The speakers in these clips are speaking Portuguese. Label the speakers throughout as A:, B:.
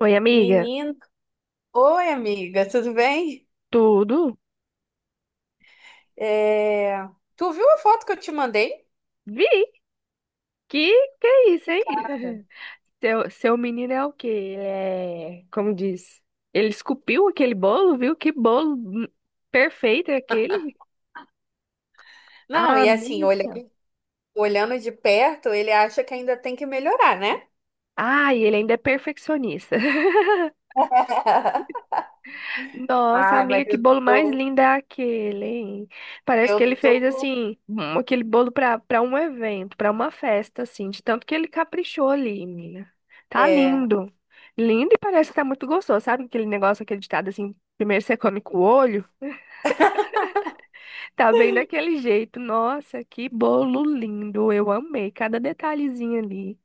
A: Oi, amiga.
B: Menino, oi amiga, tudo bem?
A: Tudo?
B: É. Tu viu a foto que eu te mandei?
A: Vi. Que que é isso, hein? Seu menino é o quê? Ele é, como diz, ele esculpiu aquele bolo, viu? Que bolo perfeito é aquele.
B: Não,
A: Ah,
B: e assim,
A: amiga. Do céu.
B: olhando de perto, ele acha que ainda tem que melhorar, né?
A: Ah, e ele ainda é perfeccionista. Nossa,
B: Ai,
A: amiga,
B: mas
A: que bolo mais lindo é aquele, hein? Parece que
B: eu
A: ele fez
B: tô,
A: assim, aquele bolo para um evento, para uma festa, assim, de tanto que ele caprichou ali, menina. Tá
B: é,
A: lindo. Lindo e parece que tá muito gostoso, sabe? Aquele negócio, aquele ditado assim, primeiro você come com o olho, tá bem daquele jeito. Nossa, que bolo lindo. Eu amei cada detalhezinho ali.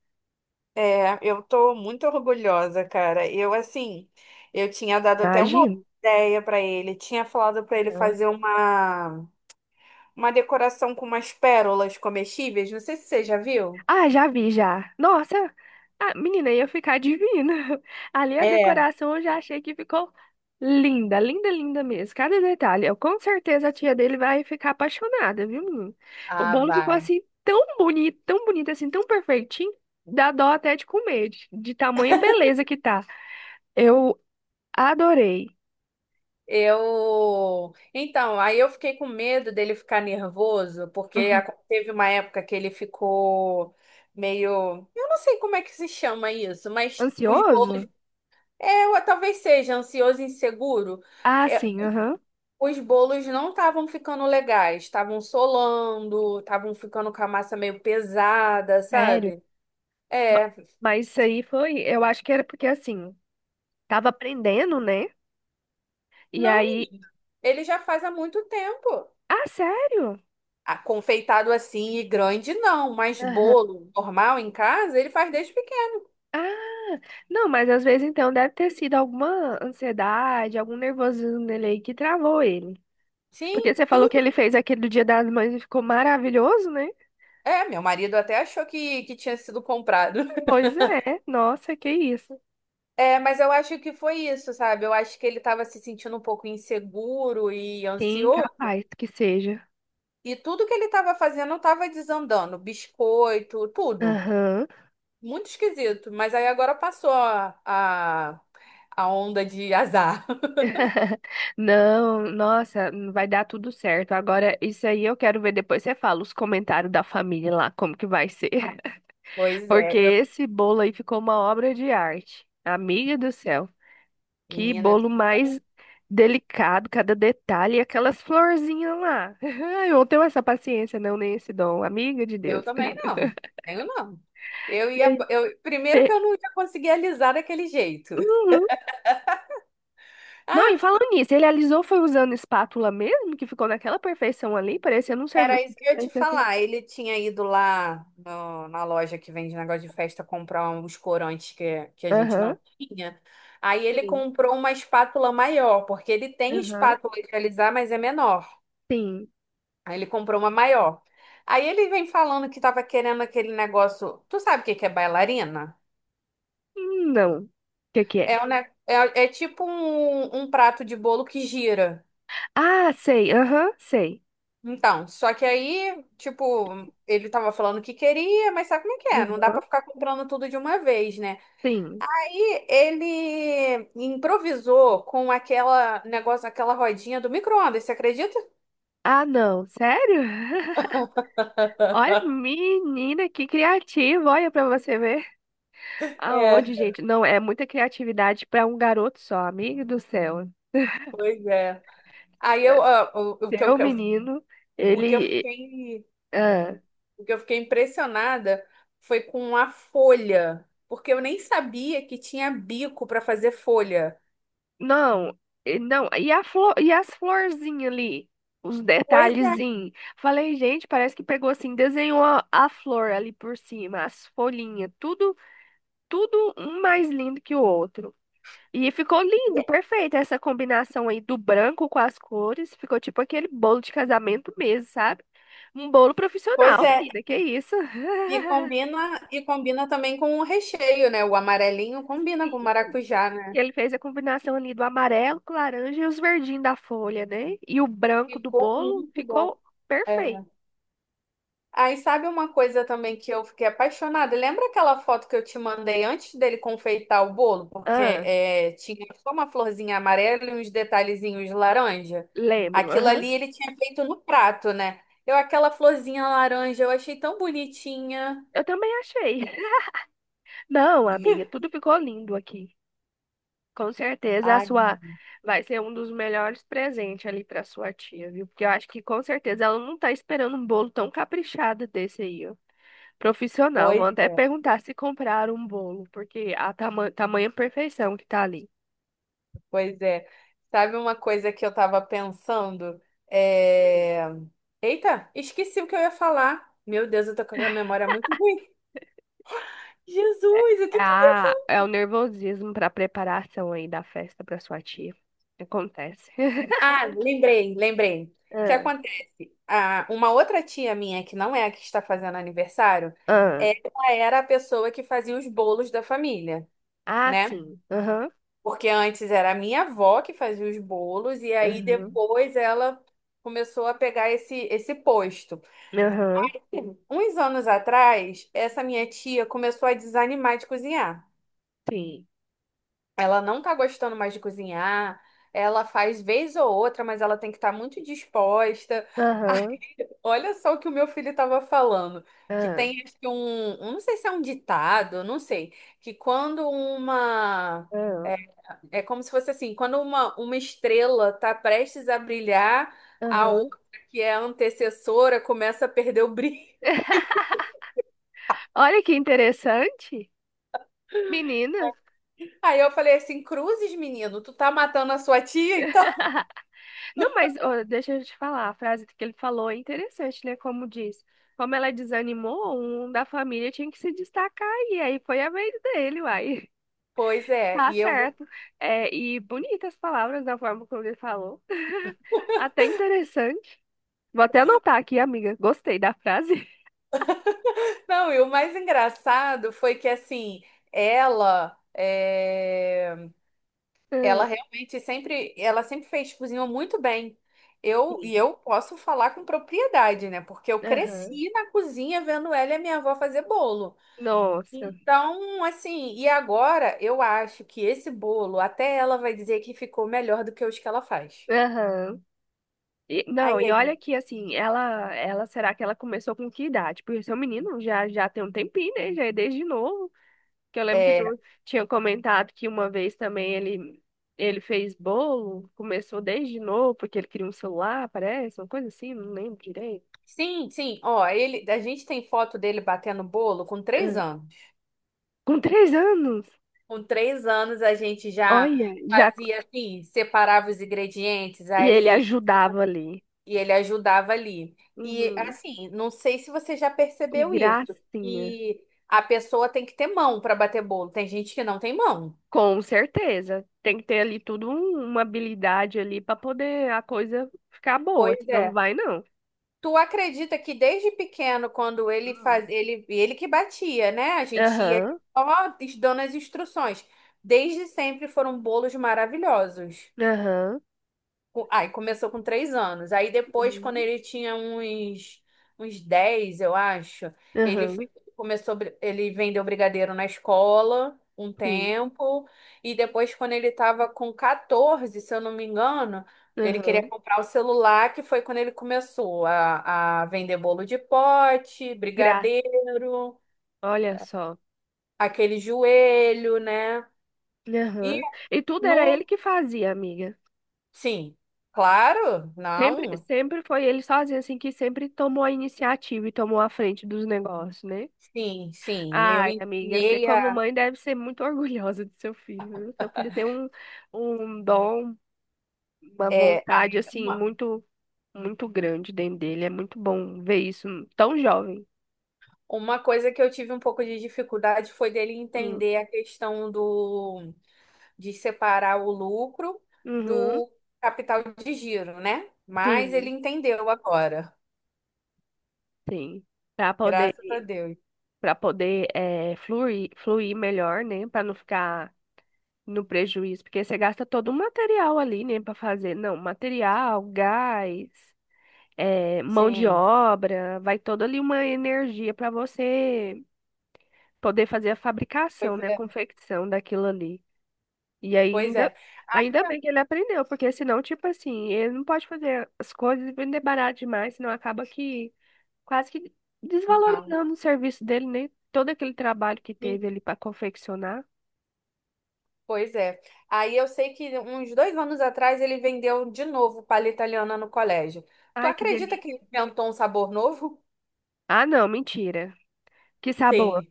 B: eu tô muito orgulhosa, cara. Eu assim, eu tinha dado até uma
A: Imagina.
B: ideia pra ele, tinha falado pra ele fazer uma decoração com umas pérolas comestíveis, não sei se você já viu.
A: Ah, já vi, já. Nossa, ah, menina, ia ficar divina. Ali a
B: É.
A: decoração eu já achei que ficou linda, linda, linda mesmo. Cada detalhe. Eu, com certeza a tia dele vai ficar apaixonada, viu, menino? O
B: Ah,
A: bolo ficou
B: vai.
A: assim tão bonito, assim, tão perfeitinho. Dá dó até de comer, de tamanha beleza que tá. Eu adorei.
B: Eu. Então, aí eu fiquei com medo dele ficar nervoso, porque
A: Aham.
B: teve uma época que ele ficou meio. Eu não sei como é que se chama isso, mas os
A: Ansioso?
B: bolos. É, ou talvez seja ansioso e inseguro.
A: Ah,
B: É,
A: sim, aham.
B: os bolos não estavam ficando legais, estavam solando, estavam ficando com a massa meio pesada,
A: Sério?
B: sabe?
A: Ma-
B: É.
A: Mas isso aí foi, eu acho que era porque assim, tava aprendendo, né? E
B: Não,
A: aí
B: menina. Ele já faz há muito tempo.
A: Ah, sério?
B: Ah, confeitado assim e grande, não, mas
A: Aham.
B: bolo normal em casa, ele faz desde pequeno.
A: Ah, não, mas às vezes então deve ter sido alguma ansiedade, algum nervosismo nele aí que travou ele.
B: Sim,
A: Porque você falou que ele
B: tudo.
A: fez aquele do Dia das Mães e ficou maravilhoso, né?
B: É, meu marido até achou que tinha sido comprado.
A: Pois é, nossa, que isso.
B: É, mas eu acho que foi isso, sabe? Eu acho que ele estava se sentindo um pouco inseguro e
A: Sim,
B: ansioso,
A: capaz que seja.
B: e tudo que ele estava fazendo estava desandando, biscoito, tudo.
A: Aham.
B: Muito esquisito, mas aí agora passou a onda de azar.
A: Não, nossa, vai dar tudo certo. Agora, isso aí eu quero ver depois. Você fala os comentários da família lá, como que vai ser.
B: Pois é,
A: Porque esse bolo aí ficou uma obra de arte. Amiga do céu. Que
B: menina, eu
A: bolo mais delicado, cada detalhe, e aquelas florzinhas lá. Eu não tenho essa paciência, não, nem esse dom, amiga de
B: eu
A: Deus.
B: também não. Tenho não. Eu ia.
A: Ele
B: Primeiro que
A: pe-
B: eu não ia conseguir alisar daquele jeito.
A: Uhum. Não, e
B: Ah,
A: falando nisso, ele alisou foi usando espátula mesmo, que ficou naquela perfeição ali, parecendo um
B: era
A: serviço
B: isso que
A: bem
B: eu ia te
A: feito assim.
B: falar. Ele tinha ido lá na loja que vende negócio de festa comprar uns corantes que a gente não
A: Aham.
B: tinha. Aí ele
A: Sim.
B: comprou uma espátula maior, porque ele tem
A: Aham.
B: espátula de alisar, mas é menor.
A: Sim.
B: Aí ele comprou uma maior. Aí ele vem falando que tava querendo aquele negócio. Tu sabe o que que é bailarina?
A: Não. O que que é?
B: É, é tipo um prato de bolo que gira.
A: Ah, sei. Aham, sei.
B: Então, só que aí, tipo, ele tava falando que queria, mas sabe como é que é? Não dá
A: Aham.
B: pra ficar comprando tudo de uma vez, né?
A: Sim.
B: Aí ele improvisou com aquela negócio, aquela rodinha do micro-ondas, você acredita?
A: Ah, não. Sério? Olha, menina, que criativa. Olha pra você ver.
B: É,
A: Aonde, gente? Não, é muita criatividade para um garoto só, amigo do céu.
B: pois é. Aí eu, ah, o que eu,
A: Seu menino,
B: o que eu
A: ele.
B: fiquei,
A: Ah,
B: o que eu fiquei impressionada foi com a folha, porque eu nem sabia que tinha bico pra fazer folha.
A: não, não, e, a flor, e as florzinhas ali? Os
B: Pois
A: detalhezinhos. Falei, gente, parece que pegou assim, desenhou a flor ali por cima, as folhinhas, tudo, tudo um mais lindo que o outro. E ficou lindo,
B: é.
A: perfeito essa combinação aí do branco com as cores. Ficou tipo aquele bolo de casamento mesmo, sabe? Um bolo
B: Pois
A: profissional,
B: é.
A: menina, que isso?
B: E combina, e combina também com o recheio, né? O amarelinho combina
A: Sim,
B: com o maracujá, né?
A: ele fez a combinação ali do amarelo com laranja e os verdinhos da folha, né? E o branco do
B: Ficou
A: bolo
B: muito bom.
A: ficou
B: É.
A: perfeito.
B: Aí sabe uma coisa também que eu fiquei apaixonada? Lembra aquela foto que eu te mandei antes dele confeitar o bolo? Porque
A: Ah,
B: é, tinha só uma florzinha amarela e uns detalhezinhos laranja.
A: lembro,
B: Aquilo ali
A: aham.
B: ele tinha feito no prato, né? Eu, aquela florzinha laranja, eu achei tão bonitinha.
A: Eu também achei. Não, amiga, tudo ficou lindo aqui. Com certeza a
B: Ai,
A: sua vai ser um dos melhores presentes ali para sua tia, viu? Porque eu acho que com certeza ela não tá esperando um bolo tão caprichado desse aí, ó. Profissional, vão
B: pois
A: até
B: é.
A: perguntar se compraram um bolo, porque a tamanha perfeição que tá ali.
B: Pois é. Sabe uma coisa que eu tava pensando?
A: Hum.
B: É... Eita, esqueci o que eu ia falar. Meu Deus, eu tô com a memória muito ruim. Jesus,
A: É,
B: o que que...
A: a, é o nervosismo para preparação aí da festa para sua tia. Acontece.
B: Ah, lembrei, lembrei. O que
A: Ah,
B: acontece? Ah, uma outra tia minha, que não é a que está fazendo aniversário,
A: ah,
B: ela era a pessoa que fazia os bolos da família,
A: ah,
B: né?
A: sim. Aham,
B: Porque antes era a minha avó que fazia os bolos, e aí
A: aham,
B: depois ela começou a pegar esse posto.
A: aham,
B: Uns anos atrás, essa minha tia começou a desanimar de cozinhar.
A: sim.
B: Ela não tá gostando mais de cozinhar. Ela faz vez ou outra, mas ela tem que estar muito disposta. Aí,
A: Aham,
B: olha só o que o meu filho estava falando. Que
A: ah,
B: tem acho que não sei se é um ditado, não sei, que quando uma
A: ah,
B: é é como se fosse assim, quando uma estrela está prestes a brilhar, a
A: aham.
B: outra, que é a antecessora, começa a perder o brilho.
A: Olha que interessante, menina.
B: Aí eu falei assim, cruzes, menino, tu tá matando a sua tia, então?
A: Não, mas ó, deixa eu te falar, a frase que ele falou é interessante, né? Como diz, como ela desanimou, um da família tinha que se destacar e aí foi a vez dele, uai.
B: Pois é,
A: Tá
B: e eu vou.
A: certo. É, e bonitas palavras da forma como ele falou. Até interessante. Vou até anotar aqui, amiga. Gostei da frase.
B: Não, e o mais engraçado foi que assim, ela, é, ela
A: Hum,
B: realmente sempre, ela sempre fez cozinha muito bem. Eu e
A: sim.
B: eu posso falar com propriedade, né? Porque eu
A: Aham.
B: cresci na cozinha vendo ela e a minha avó fazer bolo.
A: Nossa.
B: Então, assim, e agora eu acho que esse bolo, até ela vai dizer que ficou melhor do que os que ela faz.
A: Aham. E-
B: Aí
A: não, e olha
B: ele.
A: que assim, ela será que ela começou com que idade? Porque seu menino já tem um tempinho, né? Já é desde novo. Que eu lembro que
B: eh,
A: tu tinha comentado que uma vez também ele fez bolo, começou desde novo porque ele queria um celular, parece, uma coisa assim, não lembro direito.
B: Sim, sim. Ó, ele, a gente tem foto dele batendo bolo com três
A: Ah,
B: anos.
A: com 3 anos,
B: Com três anos a gente já
A: olha, já
B: fazia assim, separava os ingredientes,
A: e ele
B: aí
A: ajudava ali.
B: e ele ajudava ali. E
A: Uhum,
B: assim, não sei se você já
A: que
B: percebeu isso,
A: gracinha.
B: que a pessoa tem que ter mão para bater bolo. Tem gente que não tem mão.
A: Com certeza. Tem que ter ali tudo uma habilidade ali para poder a coisa ficar boa,
B: Pois
A: senão não
B: é.
A: vai não.
B: Tu acredita que desde pequeno, quando ele
A: Hum.
B: faz, ele que batia, né? A gente ia
A: Aham,
B: só dando as instruções. Desde sempre foram bolos maravilhosos.
A: aham,
B: Aí começou com 3 anos. Aí depois, quando
A: Uhum.
B: ele tinha uns 10, eu acho, ele f-
A: Aham,
B: começou, ele vendeu brigadeiro na escola um
A: sim,
B: tempo. E depois, quando ele estava com 14, se eu não me engano, ele queria
A: aham.
B: comprar o celular, que foi quando ele começou a vender bolo de pote,
A: Que graça,
B: brigadeiro,
A: olha só.
B: aquele joelho, né? E
A: Aham. E tudo era ele
B: no.
A: que fazia, amiga.
B: Sim, claro,
A: Sempre,
B: não.
A: sempre foi ele sozinho, assim, que sempre tomou a iniciativa e tomou a frente dos negócios, né?
B: Sim, sim. Eu
A: Ai, amiga, você
B: ensinei
A: como
B: a,
A: mãe deve ser muito orgulhosa do seu filho, viu? Seu filho tem um, um dom, uma
B: é, a-
A: vontade assim
B: uma,
A: muito muito grande dentro dele. É muito bom ver isso tão jovem.
B: uma coisa que eu tive um pouco de dificuldade foi dele
A: Hum.
B: entender a questão do de separar o lucro
A: Uhum.
B: do capital de giro, né? Mas ele
A: Sim,
B: entendeu agora,
A: sim. Para poder
B: graças a Deus.
A: para poder é, fluir melhor, né? Para não ficar no prejuízo, porque você gasta todo o material ali, né? Para fazer, não, material, gás, é, mão de
B: Sim,
A: obra, vai toda ali uma energia para você poder fazer a
B: pois
A: fabricação, né? A
B: é,
A: confecção daquilo ali. E aí
B: pois
A: ainda,
B: é.
A: ainda bem que ele aprendeu, porque senão, tipo assim, ele não pode fazer as coisas e vender barato demais, senão acaba que quase que
B: Não,
A: desvalorizando o serviço dele, né? Todo aquele trabalho que
B: sim,
A: teve ali pra confeccionar.
B: pois é. Aí eu sei que uns 2 anos atrás ele vendeu de novo palha italiana no colégio. Tu
A: Ai, que
B: acredita que ele
A: delícia.
B: inventou um sabor novo?
A: Ah, não, mentira. Que sabor.
B: Sim.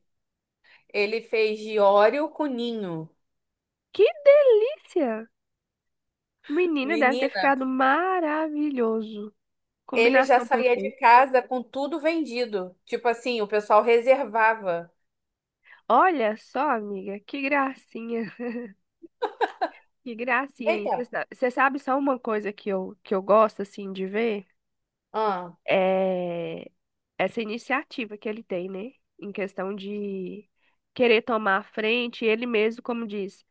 B: Ele fez de Oreo com Ninho.
A: Que delícia! Menina, deve ter
B: Menina,
A: ficado maravilhoso.
B: ele já
A: Combinação
B: saía de
A: perfeita.
B: casa com tudo vendido. Tipo assim, o pessoal reservava.
A: Olha só, amiga, que gracinha. Que gracinha isso.
B: Eita.
A: Você sabe só uma coisa que eu gosto, assim, de ver?
B: Ah,
A: eh, Essa iniciativa que ele tem, né? Em questão de querer tomar a frente, ele mesmo, como diz,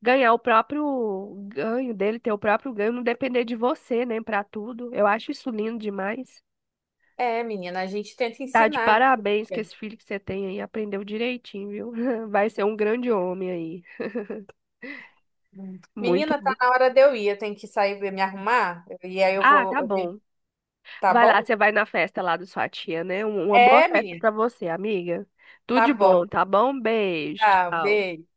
A: ganhar o próprio ganho dele, ter o próprio ganho, não depender de você, né? Pra tudo. Eu acho isso lindo demais.
B: é, menina, a gente tenta
A: Tá de
B: ensinar,
A: parabéns que
B: né?
A: esse filho que você tem aí aprendeu direitinho, viu? Vai ser um grande homem aí. Muito
B: Menina,
A: bom.
B: tá na hora de eu ir. Eu tenho que sair e me arrumar. E aí eu
A: Ah, tá
B: vou.
A: bom.
B: Tá
A: Vai lá,
B: bom?
A: você vai na festa lá da sua tia, né? Uma boa
B: É,
A: festa
B: menina.
A: pra você, amiga. Tudo
B: Tá
A: de bom,
B: bom.
A: tá bom? Beijo,
B: Tá,
A: tchau.
B: beijo.